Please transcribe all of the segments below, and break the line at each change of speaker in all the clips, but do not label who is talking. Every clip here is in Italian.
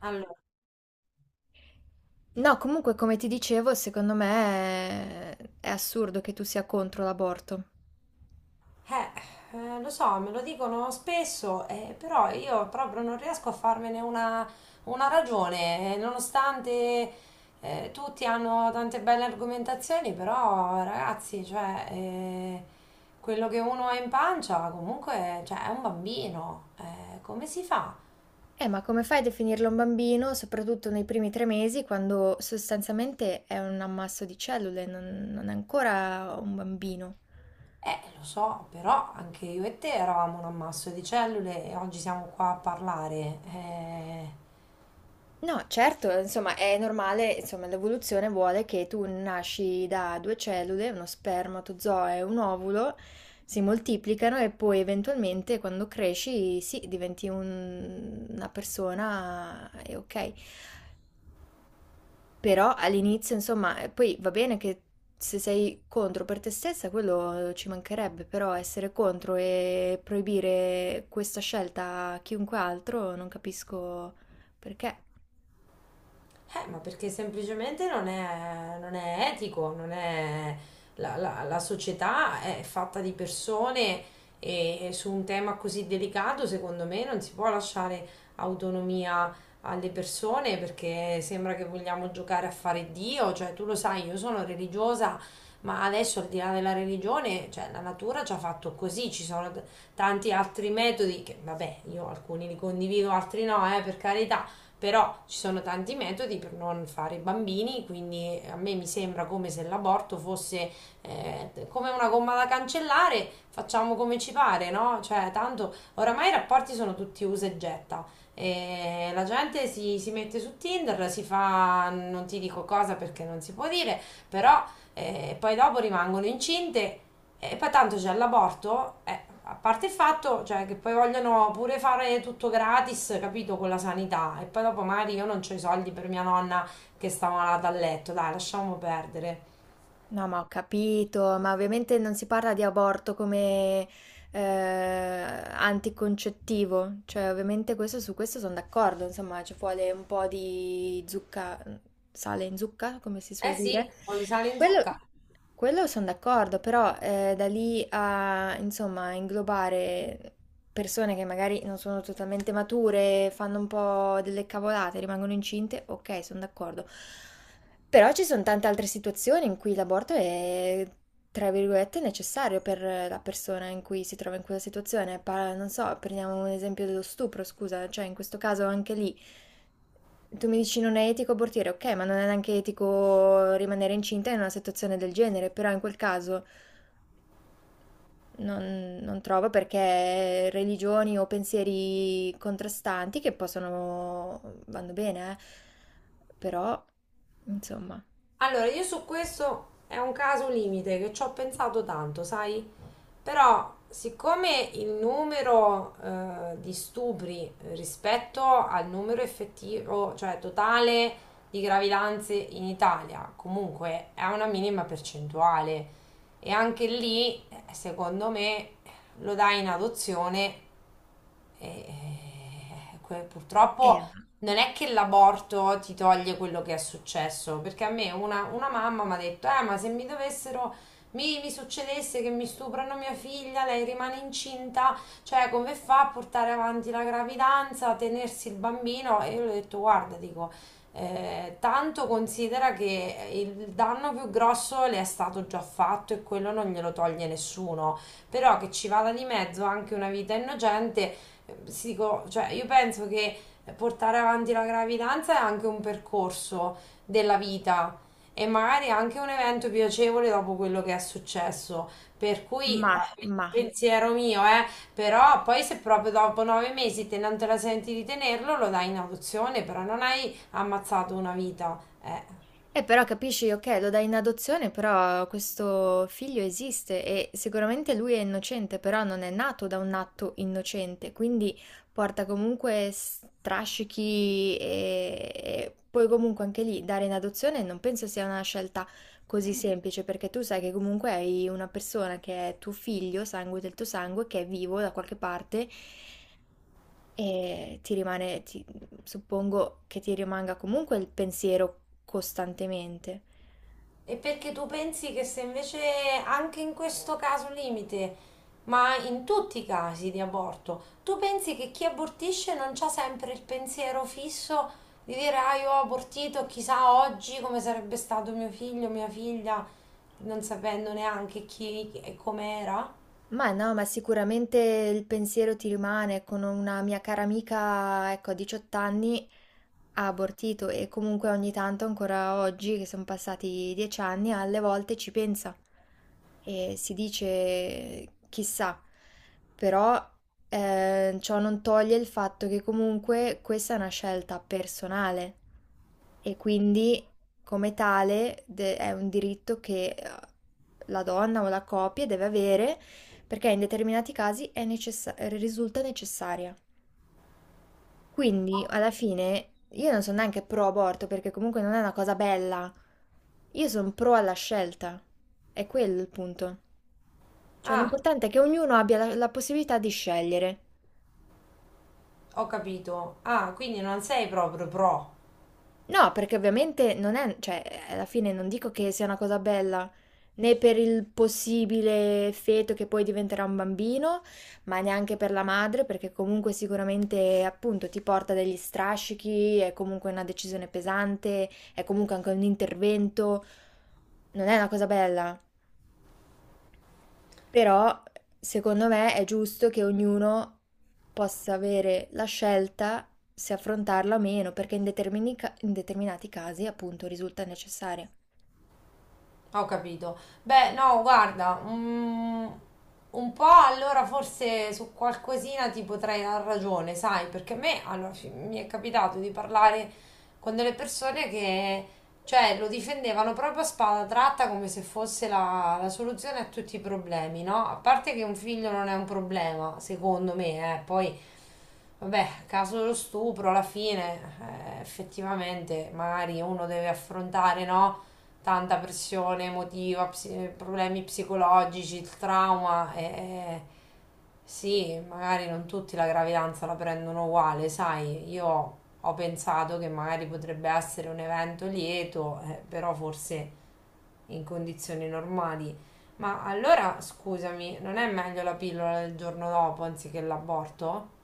Allora,
No, comunque, come ti dicevo, secondo me è assurdo che tu sia contro l'aborto.
eh, lo so, me lo dicono spesso, però io proprio non riesco a farmene una ragione, nonostante tutti hanno tante belle argomentazioni, però ragazzi, cioè, quello che uno ha in pancia comunque, cioè, è un bambino, come si fa?
Ma come fai a definirlo un bambino, soprattutto nei primi tre mesi, quando sostanzialmente è un ammasso di cellule, non è ancora un bambino?
Lo so, però anche io e te eravamo un ammasso di cellule e oggi siamo qua a parlare.
No, certo, insomma, è normale, insomma, l'evoluzione vuole che tu nasci da due cellule, uno spermatozoo e un ovulo, si moltiplicano e poi eventualmente quando cresci, sì, diventi una persona e ok. Però all'inizio, insomma, poi va bene che, se sei contro per te stessa, quello ci mancherebbe, però essere contro e proibire questa scelta a chiunque altro, non capisco perché.
Ma perché semplicemente non è etico, non è, la, la- la società è fatta di persone e su un tema così delicato, secondo me, non si può lasciare autonomia alle persone perché sembra che vogliamo giocare a fare Dio. Cioè, tu lo sai, io sono religiosa, ma adesso al di là della religione, cioè la natura ci ha fatto così, ci sono tanti altri metodi che, vabbè, io alcuni li condivido, altri no, per carità, però ci sono tanti metodi per non fare bambini, quindi a me mi sembra come se l'aborto fosse come una gomma da cancellare, facciamo come ci pare, no? Cioè, tanto oramai i rapporti sono tutti usa e getta. E la gente si mette su Tinder, si fa non ti dico cosa perché non si può dire, però poi dopo rimangono incinte e poi tanto c'è l'aborto, a parte il fatto, cioè, che poi vogliono pure fare tutto gratis, capito, con la sanità. E poi dopo magari io non ho i soldi per mia nonna che sta malata a letto. Dai, lasciamo perdere.
No, ma ho capito, ma ovviamente non si parla di aborto come anticoncettivo, cioè ovviamente questo, su questo sono d'accordo, insomma ci vuole un po' di zucca, sale in zucca, come si suol
Eh sì,
dire.
un po' di sale in
Quello,
zucca.
quello sono d'accordo, però da lì a insomma inglobare persone che magari non sono totalmente mature, fanno un po' delle cavolate, rimangono incinte, ok, sono d'accordo. Però ci sono tante altre situazioni in cui l'aborto è, tra virgolette, necessario per la persona in cui si trova in quella situazione. Non so, prendiamo un esempio dello stupro, scusa, cioè in questo caso anche lì. Tu mi dici non è etico abortire, ok, ma non è neanche etico rimanere incinta in una situazione del genere, però in quel caso non trovo perché religioni o pensieri contrastanti che possono, vanno bene, però insomma.
Allora, io su questo è un caso limite che ci ho pensato tanto, sai? Però, siccome il numero di stupri rispetto al numero effettivo, cioè totale di gravidanze in Italia, comunque è una minima percentuale. E anche lì, secondo me, lo dai in adozione e
Eh,
purtroppo non è che l'aborto ti toglie quello che è successo, perché a me una mamma mi ha detto, ma se mi succedesse che mi stuprano mia figlia, lei rimane incinta, cioè come fa a portare avanti la gravidanza, a tenersi il bambino? E io le ho detto, guarda, dico, tanto considera che il danno più grosso le è stato già fatto e quello non glielo toglie nessuno, però che ci vada di mezzo anche una vita innocente, si dico, cioè, io penso che portare avanti la gravidanza è anche un percorso della vita, e magari anche un evento piacevole dopo quello che è successo. Per cui,
Mah,
ma,
mah.
pensiero mio, però poi se proprio dopo nove mesi te non te la senti di tenerlo, lo dai in adozione, però non hai ammazzato una vita. Eh,
Però capisci, ok, lo dai in adozione, però questo figlio esiste e sicuramente lui è innocente, però non è nato da un atto innocente, quindi porta comunque strascichi e poi comunque anche lì dare in adozione non penso sia una scelta così semplice, perché tu sai che comunque hai una persona che è tuo figlio, sangue del tuo sangue, che è vivo da qualche parte. E ti rimane, suppongo che ti rimanga comunque il pensiero costantemente.
E perché tu pensi che se invece anche in questo caso limite, ma in tutti i casi di aborto, tu pensi che chi abortisce non c'ha sempre il pensiero fisso di dire ah io ho abortito, chissà oggi come sarebbe stato mio figlio, mia figlia, non sapendo neanche chi e com'era?
Ma no, ma sicuramente il pensiero ti rimane. Con una mia cara amica, ecco, a 18 anni ha abortito e comunque ogni tanto, ancora oggi, che sono passati 10 anni, alle volte ci pensa e si dice chissà, però ciò non toglie il fatto che comunque questa è una scelta personale e quindi come tale è un diritto che la donna o la coppia deve avere, perché in determinati casi è risulta necessaria. Quindi, alla fine, io non sono neanche pro aborto, perché comunque non è una cosa bella. Io sono pro alla scelta. È quello il punto. Cioè,
Ah,
l'importante è che ognuno abbia la possibilità di scegliere.
ho capito. Ah, quindi non sei proprio pro.
No, perché ovviamente non è, cioè, alla fine non dico che sia una cosa bella, né per il possibile feto che poi diventerà un bambino, ma neanche per la madre, perché comunque sicuramente appunto ti porta degli strascichi, è comunque una decisione pesante, è comunque anche un intervento, non è una cosa bella. Però secondo me è giusto che ognuno possa avere la scelta se affrontarla o meno, perché in in determinati casi appunto risulta necessaria.
Ho capito. Beh, no, guarda, un po' allora forse su qualcosina ti potrei dar ragione, sai, perché a me allora, mi è capitato di parlare con delle persone che, cioè, lo difendevano proprio a spada tratta come se fosse la soluzione a tutti i problemi, no? A parte che un figlio non è un problema, secondo me, eh. Vabbè, caso dello stupro, alla fine, effettivamente, magari uno deve affrontare, no? Tanta pressione emotiva, problemi psicologici, il trauma. E, sì, magari non tutti la gravidanza la prendono uguale, sai, io ho pensato che magari potrebbe essere un evento lieto, però forse in condizioni normali. Ma allora, scusami, non è meglio la pillola del giorno dopo anziché l'aborto?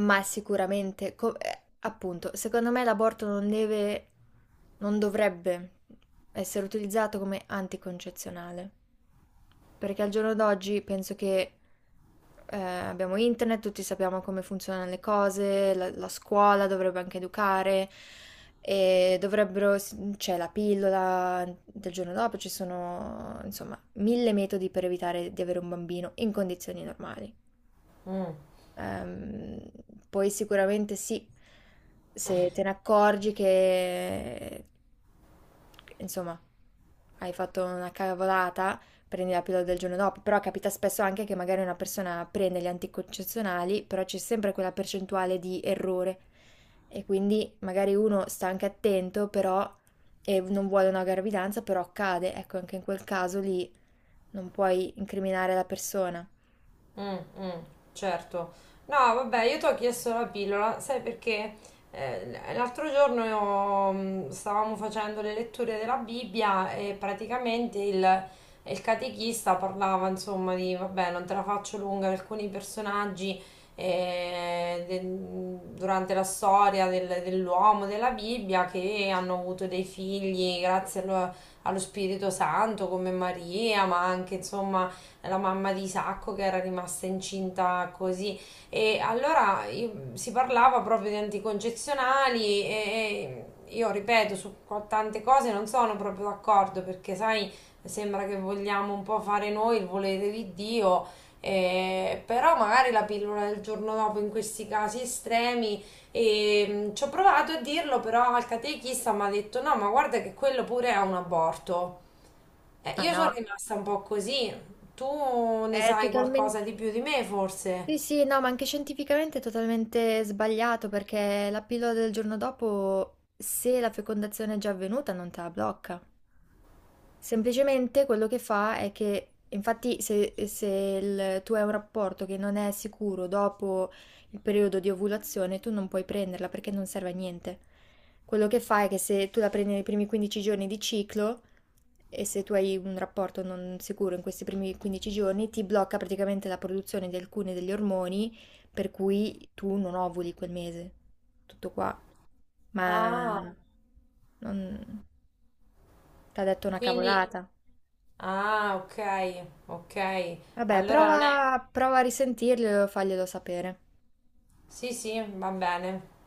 Ma sicuramente, appunto, secondo me l'aborto non dovrebbe essere utilizzato come anticoncezionale, perché al giorno d'oggi penso che, abbiamo internet, tutti sappiamo come funzionano le cose, la scuola dovrebbe anche educare e dovrebbero, c'è la pillola del giorno dopo, ci sono insomma mille metodi per evitare di avere un bambino in condizioni normali.
Mm.
Ehm, Poi sicuramente sì, se te ne accorgi che, insomma, hai fatto una cavolata, prendi la pillola del giorno dopo, però capita spesso anche che magari una persona prende gli anticoncezionali, però c'è sempre quella percentuale di errore e quindi magari uno sta anche attento, però e non vuole una gravidanza, però cade, ecco, anche in quel caso lì non puoi incriminare la persona.
Mm, mm, certo. No, vabbè, io ti ho chiesto la pillola, sai perché l'altro giorno io, stavamo facendo le letture della Bibbia e praticamente il catechista parlava, insomma, di, vabbè, non te la faccio lunga, alcuni personaggi eh, de- durante la storia dell'uomo, della Bibbia, che hanno avuto dei figli grazie allo Spirito Santo, come Maria, ma anche, insomma, la mamma di Isacco che era rimasta incinta così. E allora si parlava proprio di anticoncezionali e io ripeto, su tante cose non sono proprio d'accordo, perché sai, sembra che vogliamo un po' fare noi il volere di Dio, però magari la pillola del giorno dopo in questi casi estremi. E, ci ho provato a dirlo, però al catechista mi ha detto no, ma guarda che quello pure è un aborto,
Ah
io sono
no,
rimasta un po' così. Tu ne
è
sai qualcosa
totalmente...
di più di me, forse?
Sì, sì, no, ma anche scientificamente è totalmente sbagliato, perché la pillola del giorno dopo, se la fecondazione è già avvenuta, non te la blocca. Semplicemente quello che fa è che, infatti, se, tu hai un rapporto che non è sicuro dopo il periodo di ovulazione, tu non puoi prenderla perché non serve a niente. Quello che fa è che se tu la prendi nei primi 15 giorni di ciclo, e se tu hai un rapporto non sicuro in questi primi 15 giorni, ti blocca praticamente la produzione di alcuni degli ormoni, per cui tu non ovuli quel mese. Tutto qua.
Ah,
Ma non... T'ha detto una
quindi.
cavolata.
Ah, ok, ok.
Vabbè, eh,
Allora non è.
prova a risentirglielo e faglielo sapere.
Sì, sì, va bene.